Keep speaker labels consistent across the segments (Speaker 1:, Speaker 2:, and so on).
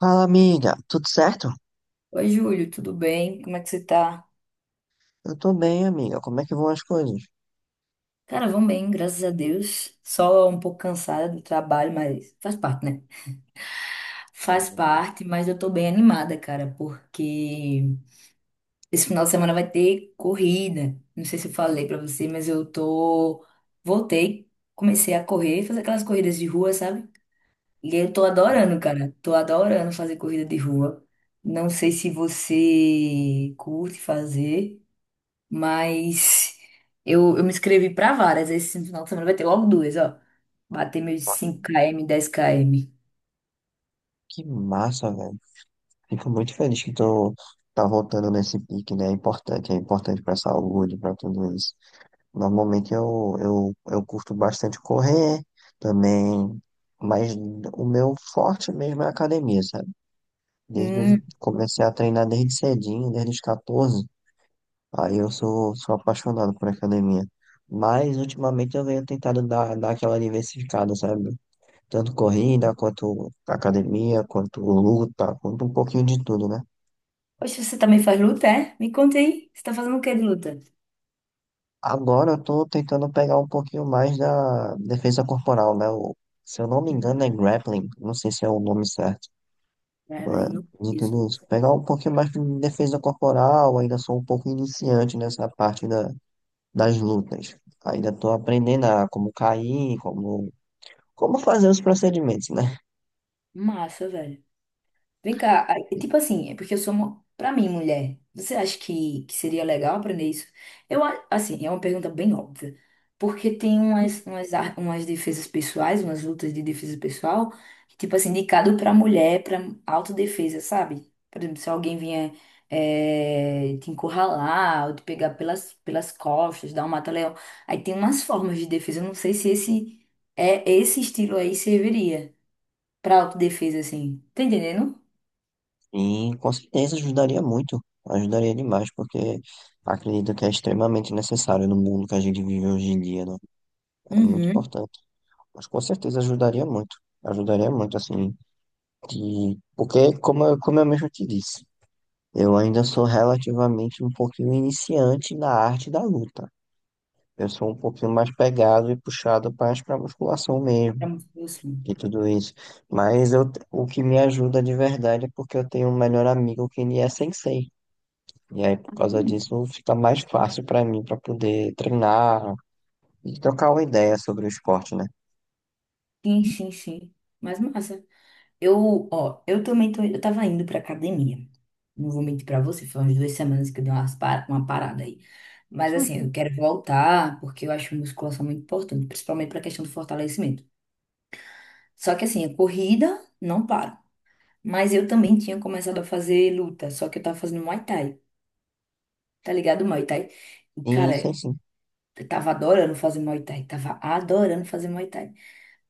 Speaker 1: Fala, amiga. Tudo certo?
Speaker 2: Oi, Júlio, tudo bem? Como é que você tá?
Speaker 1: Eu tô bem, amiga. Como é que vão as coisas?
Speaker 2: Cara, vão bem, graças a Deus. Só um pouco cansada do trabalho, mas faz parte, né?
Speaker 1: Bom,
Speaker 2: Faz
Speaker 1: bom,
Speaker 2: parte, mas eu tô bem animada, cara, porque esse final de semana vai ter corrida. Não sei se eu falei pra você, mas eu tô. Voltei, comecei a correr, fazer aquelas corridas de rua, sabe? E eu tô
Speaker 1: bom.
Speaker 2: adorando, cara. Tô adorando fazer corrida de rua. Não sei se você curte fazer. Mas eu me inscrevi pra várias. Esse final de semana vai ter logo duas, ó. Bater meus 5 km 10 km.
Speaker 1: Que massa, velho. Fico muito feliz que tu tá voltando nesse pique, né? É importante pra saúde, pra tudo isso. Normalmente eu curto bastante correr também, mas o meu forte mesmo é a academia, sabe? Desde,
Speaker 2: Hum.
Speaker 1: comecei a treinar desde cedinho, desde os 14. Aí eu sou, sou apaixonado por academia. Mas ultimamente eu venho tentado dar aquela diversificada, sabe? Tanto corrida, quanto academia, quanto luta, quanto um pouquinho de tudo, né?
Speaker 2: Poxa, você também faz luta, é? Me conta aí. Você tá fazendo o que de luta?
Speaker 1: Agora eu tô tentando pegar um pouquinho mais da defesa corporal, né? Se eu não me
Speaker 2: Hum,
Speaker 1: engano é grappling, não sei se é o nome certo, né?
Speaker 2: Traveling no
Speaker 1: De
Speaker 2: peso.
Speaker 1: tudo isso. Pegar um pouquinho mais de defesa corporal, ainda sou um pouco iniciante nessa parte da, das lutas. Ainda tô aprendendo a como cair, como fazer os procedimentos, né?
Speaker 2: Massa, velho. Vem cá, aí, tipo assim, é porque eu sou uma, pra mim, mulher, você acha que seria legal aprender isso? Eu, assim, é uma pergunta bem óbvia, porque tem umas defesas pessoais, umas lutas de defesa pessoal, tipo assim, indicado pra mulher, pra autodefesa, sabe? Por exemplo, se alguém vier te encurralar, ou te pegar pelas costas, dar um mata-leão, aí tem umas formas de defesa, eu não sei se esse estilo aí serviria pra autodefesa, assim, tá entendendo?
Speaker 1: E com certeza ajudaria muito, ajudaria demais, porque acredito que é extremamente necessário no mundo que a gente vive hoje em dia, né? É muito
Speaker 2: Uhum.
Speaker 1: importante. Mas com certeza ajudaria muito, assim, de... porque, como eu mesmo te disse, eu ainda sou relativamente um pouquinho iniciante na arte da luta. Eu sou um pouquinho mais pegado e puxado mais para musculação
Speaker 2: É
Speaker 1: mesmo
Speaker 2: muito bom, sim.
Speaker 1: de tudo isso. Mas eu, o que me ajuda de verdade é porque eu tenho um melhor amigo que ele é sensei. E aí, por causa
Speaker 2: Hum.
Speaker 1: disso, fica mais fácil para mim para poder treinar e trocar uma ideia sobre o esporte, né?
Speaker 2: Sim, sim, sim. Mas massa. Eu, ó, eu tava indo pra academia. Não vou mentir pra você, foi umas 2 semanas que eu dei uma parada aí. Mas assim, eu quero voltar porque eu acho musculação muito importante, principalmente pra questão do fortalecimento. Só que assim, a corrida não paro. Mas eu também tinha começado a fazer luta, só que eu tava fazendo Muay Thai. Tá ligado, Muay Thai? E,
Speaker 1: E isso
Speaker 2: cara,
Speaker 1: sim.
Speaker 2: eu tava adorando fazer Muay Thai, tava adorando fazer Muay Thai.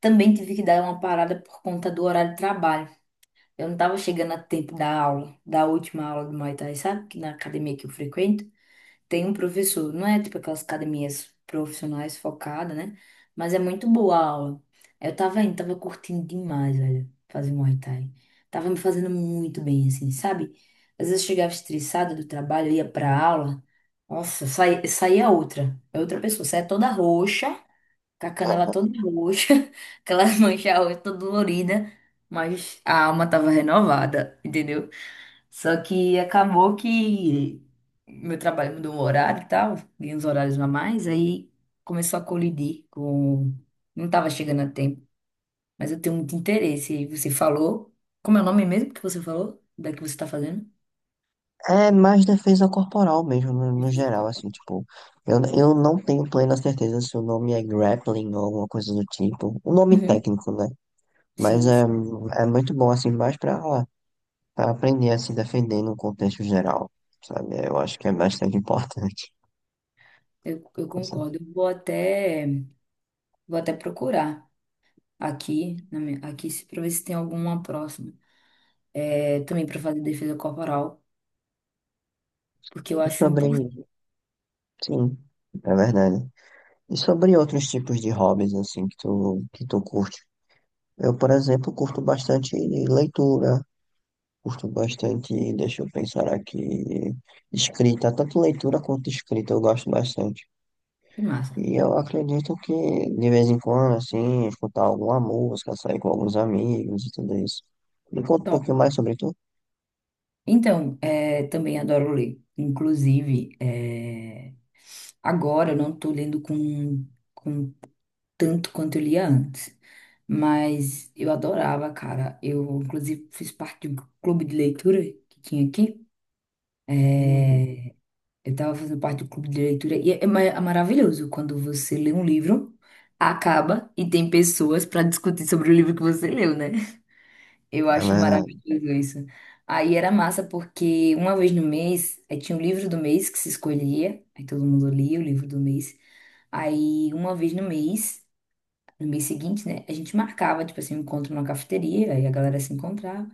Speaker 2: Também tive que dar uma parada por conta do horário de trabalho. Eu não estava chegando a tempo da aula, da última aula do Muay Thai, sabe? Que na academia que eu frequento tem um professor, não é tipo aquelas academias profissionais focadas, né? Mas é muito boa a aula. Eu tava indo, tava curtindo demais, velho, fazer Muay Thai. Tava me fazendo muito bem, assim, sabe? Às vezes eu chegava estressada do trabalho, ia pra aula, nossa, saía outra, é outra pessoa, saía toda roxa. Com a canela
Speaker 1: Aham.
Speaker 2: toda roxa, aquela mancha roxa toda dolorida, mas a alma tava renovada, entendeu? Só que acabou que meu trabalho mudou o horário e tal, e uns horários a mais, aí começou a colidir com. Não tava chegando a tempo, mas eu tenho muito interesse. E você falou. Como é o nome mesmo que você falou? Da que você tá fazendo?
Speaker 1: É mais defesa corporal mesmo,
Speaker 2: De
Speaker 1: no geral,
Speaker 2: Fisiocopa.
Speaker 1: assim, tipo, eu não tenho plena certeza se o nome é grappling ou alguma coisa do tipo, o nome
Speaker 2: Uhum.
Speaker 1: técnico, né? Mas
Speaker 2: Sim,
Speaker 1: é,
Speaker 2: sim,
Speaker 1: é muito bom, assim, mais pra pra aprender a se defender no contexto geral, sabe? É, eu acho que é bastante importante.
Speaker 2: eu
Speaker 1: Com certeza.
Speaker 2: concordo. Eu vou até procurar. Aqui, na minha- aqui se- pra ver se tem alguma próxima. É, também pra fazer defesa corporal, porque eu
Speaker 1: E
Speaker 2: acho
Speaker 1: sobre,
Speaker 2: importante.
Speaker 1: sim, é verdade. E sobre outros tipos de hobbies, assim, que tu curte? Eu, por exemplo, curto bastante leitura, curto bastante, deixa eu pensar aqui, escrita, tanto leitura quanto escrita, eu gosto bastante.
Speaker 2: Que massa.
Speaker 1: E eu acredito que, de vez em quando, assim, escutar alguma música, sair com alguns amigos e tudo isso. Me conta um
Speaker 2: Top.
Speaker 1: pouquinho mais sobre tu.
Speaker 2: Então, também adoro ler. Inclusive, agora eu não estou lendo com tanto quanto eu lia antes. Mas eu adorava, cara. Eu, inclusive, fiz parte de um clube de leitura que tinha aqui.
Speaker 1: Hum.
Speaker 2: Eu estava fazendo parte do clube de leitura e é maravilhoso quando você lê um livro, acaba e tem pessoas para discutir sobre o livro que você leu, né? Eu
Speaker 1: É
Speaker 2: acho
Speaker 1: verdade.
Speaker 2: maravilhoso isso. Aí era massa porque uma vez no mês, aí tinha o livro do mês que se escolhia, aí todo mundo lia o livro do mês. Aí uma vez no mês, no mês seguinte, né, a gente marcava, tipo assim, um encontro numa cafeteria, aí a galera se encontrava.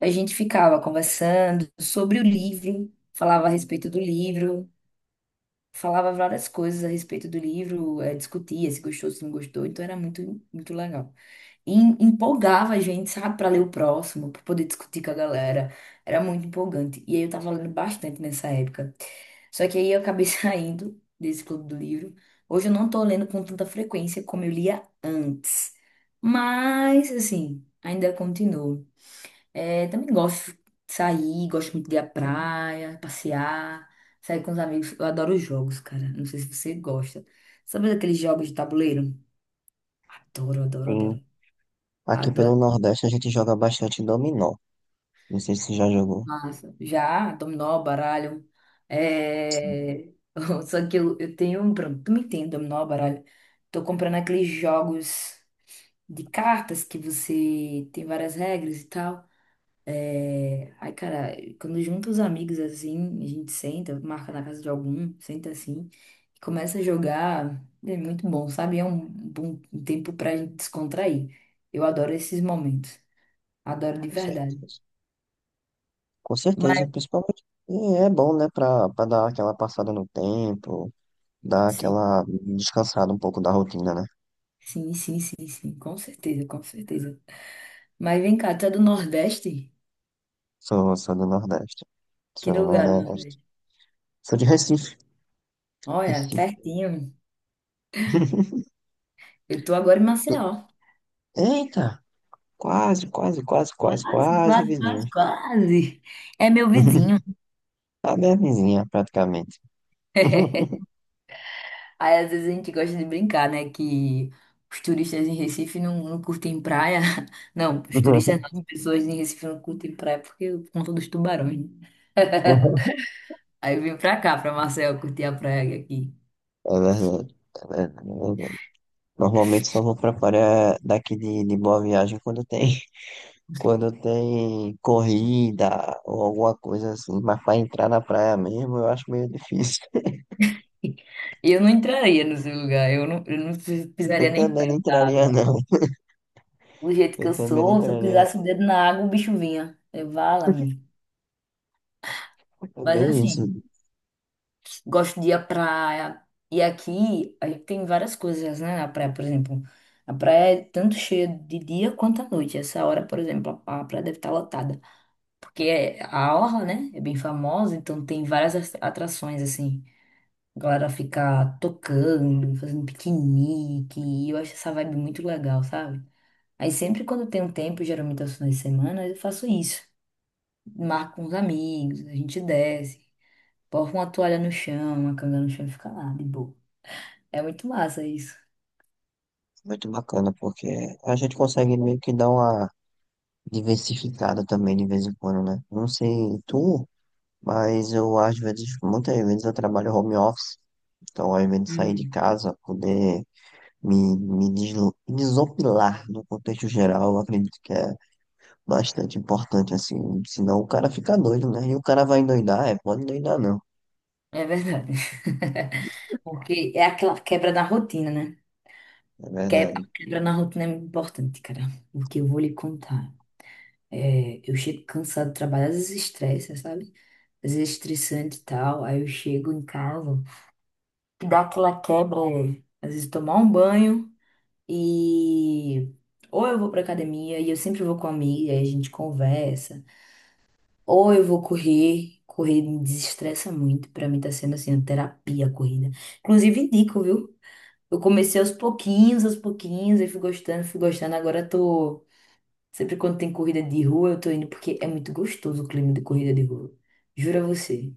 Speaker 2: A gente ficava conversando sobre o livro, falava a respeito do livro, falava várias coisas a respeito do livro, discutia se gostou, se não gostou, então era muito, muito legal. E empolgava a gente, sabe, para ler o próximo, para poder discutir com a galera. Era muito empolgante. E aí eu tava lendo bastante nessa época. Só que aí eu acabei saindo desse clube do livro. Hoje eu não tô lendo com tanta frequência como eu lia antes. Mas, assim, ainda continuo. É, também gosto de sair, gosto muito de ir à praia, passear, sair com os amigos. Eu adoro jogos, cara. Não sei se você gosta. Sabe aqueles jogos de tabuleiro? Adoro, adoro, adoro.
Speaker 1: Sim. Aqui pelo
Speaker 2: Adoro.
Speaker 1: Nordeste a gente joga bastante dominó. Não sei se já jogou.
Speaker 2: Massa. Já, dominó, baralho.
Speaker 1: Sim.
Speaker 2: É. Só que eu tenho um problema. Tu me entende, dominó, baralho. Tô comprando aqueles jogos de cartas que você tem várias regras e tal. Ai, cara, quando junta os amigos assim, a gente senta, marca na casa de algum, senta assim, e começa a jogar, é muito bom, sabe? É um bom tempo pra gente descontrair. Eu adoro esses momentos, adoro de
Speaker 1: Com
Speaker 2: verdade.
Speaker 1: certeza. Com certeza,
Speaker 2: Mas
Speaker 1: principalmente. E é bom, né, pra dar aquela passada no tempo, dar
Speaker 2: sim,
Speaker 1: aquela descansada um pouco da rotina, né?
Speaker 2: sim, sim, sim, sim, com certeza, com certeza. Mas vem cá, tu é do Nordeste?
Speaker 1: Sou, sou do Nordeste.
Speaker 2: Que
Speaker 1: Sou do
Speaker 2: lugar do
Speaker 1: Nordeste.
Speaker 2: Nordeste?
Speaker 1: Sou de Recife.
Speaker 2: Olha,
Speaker 1: Recife.
Speaker 2: pertinho. Eu tô agora em
Speaker 1: Tu-
Speaker 2: Maceió.
Speaker 1: Eita! Quase, quase, quase, quase,
Speaker 2: Quase,
Speaker 1: quase
Speaker 2: quase,
Speaker 1: vizinha.
Speaker 2: quase, quase. É meu vizinho.
Speaker 1: A minha vizinha, praticamente.
Speaker 2: Aí às vezes a gente gosta de brincar, né? Que os turistas em Recife não curtem praia. Não, os turistas não, as pessoas em Recife não curtem praia porque por conta dos tubarões, né? Aí eu vim pra cá, pra Marcel, curtir a praia aqui.
Speaker 1: É verdade. É verdade. Normalmente só vou pra praia daqui de Boa Viagem quando tem, quando tem corrida ou alguma coisa assim, mas para entrar na praia mesmo eu acho meio difícil.
Speaker 2: E eu não entraria no seu lugar, eu não pisaria
Speaker 1: Eu
Speaker 2: nem
Speaker 1: também não
Speaker 2: perto da
Speaker 1: entraria
Speaker 2: água.
Speaker 1: não,
Speaker 2: Do jeito que
Speaker 1: eu
Speaker 2: eu
Speaker 1: também não
Speaker 2: sou, se eu
Speaker 1: entraria não.
Speaker 2: pisasse o dedo na água, o bicho vinha. Eu, vala-me.
Speaker 1: É
Speaker 2: Mas
Speaker 1: bem isso,
Speaker 2: assim. Gosto de ir à praia. E aqui aí tem várias coisas, né? Na praia, por exemplo. A praia é tanto cheia de dia quanto à noite. Essa hora, por exemplo, a praia deve estar lotada. Porque a orla, né? É bem famosa, então tem várias atrações, assim. A galera fica tocando, fazendo piquenique. E eu acho essa vibe muito legal, sabe? Aí sempre quando tem um tempo, geralmente aos finais de semana, eu faço isso. Marco com os amigos, a gente desce. Porra uma toalha no chão, uma canga no chão e fica lá, de boa. É muito massa isso.
Speaker 1: muito bacana, porque a gente consegue meio que dar uma diversificada também de vez em quando, né? Não sei tu, mas eu às vezes, muitas vezes eu trabalho home office, então ao invés de sair de
Speaker 2: Uhum.
Speaker 1: casa, poder me desopilar no contexto geral, eu acredito que é bastante importante, assim, senão o cara fica doido, né? E o cara vai endoidar, é, pode endoidar não,
Speaker 2: É verdade. Porque é aquela quebra na rotina, né?
Speaker 1: é
Speaker 2: A
Speaker 1: verdade.
Speaker 2: quebra na rotina é muito importante, cara. Porque eu vou lhe contar. É, eu chego cansado do trabalho, às vezes estressa, sabe? Às vezes estressante e tal. Aí eu chego em casa, que dá aquela quebra, às vezes tomar um banho e. Ou eu vou pra academia e eu sempre vou com a amiga, aí a gente conversa. Ou eu vou correr, correr me desestressa muito, pra mim tá sendo assim, uma terapia a corrida. Inclusive indico, viu? Eu comecei aos pouquinhos, e fui gostando, fui gostando. Agora eu tô, sempre quando tem corrida de rua, eu tô indo porque é muito gostoso o clima de corrida de rua. Juro a você.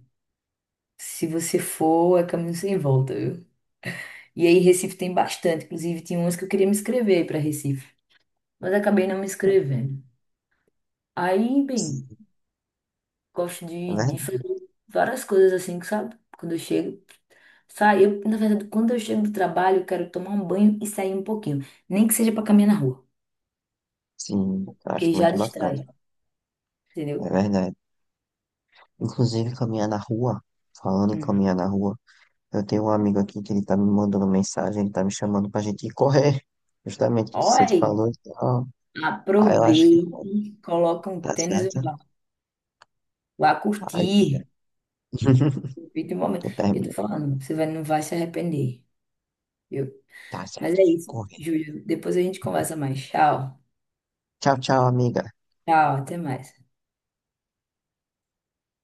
Speaker 2: Se você for, é caminho sem volta, viu? E aí Recife tem bastante, inclusive tinha umas que eu queria me inscrever para Recife, mas acabei não me inscrevendo. Aí,
Speaker 1: Sim.
Speaker 2: bem, gosto
Speaker 1: É
Speaker 2: de fazer
Speaker 1: verdade,
Speaker 2: várias coisas assim, que sabe? Quando eu chego. Eu, na verdade, quando eu chego do trabalho, eu quero tomar um banho e sair um pouquinho. Nem que seja para caminhar na rua,
Speaker 1: sim, eu acho
Speaker 2: porque já
Speaker 1: muito bacana,
Speaker 2: distrai,
Speaker 1: é
Speaker 2: entendeu?
Speaker 1: verdade. Inclusive, caminhar na rua, falando em
Speaker 2: Hum.
Speaker 1: caminhar na rua, eu tenho um amigo aqui que ele tá me mandando mensagem, ele tá me chamando pra gente ir correr, justamente o que você
Speaker 2: Oi,
Speaker 1: falou e tal. Aí eu acho que
Speaker 2: aproveite, coloca um
Speaker 1: tá
Speaker 2: tênis e
Speaker 1: certo.
Speaker 2: vá, vá
Speaker 1: Aí já.
Speaker 2: curtir. Aproveite o momento.
Speaker 1: Tô
Speaker 2: Eu tô
Speaker 1: terminando.
Speaker 2: falando, você vai, não vai se arrepender, viu?
Speaker 1: Tá
Speaker 2: Mas
Speaker 1: certo.
Speaker 2: é isso,
Speaker 1: Corre.
Speaker 2: Júlio. Depois a gente conversa mais. Tchau.
Speaker 1: Tchau, tchau, amiga.
Speaker 2: Tchau, até mais.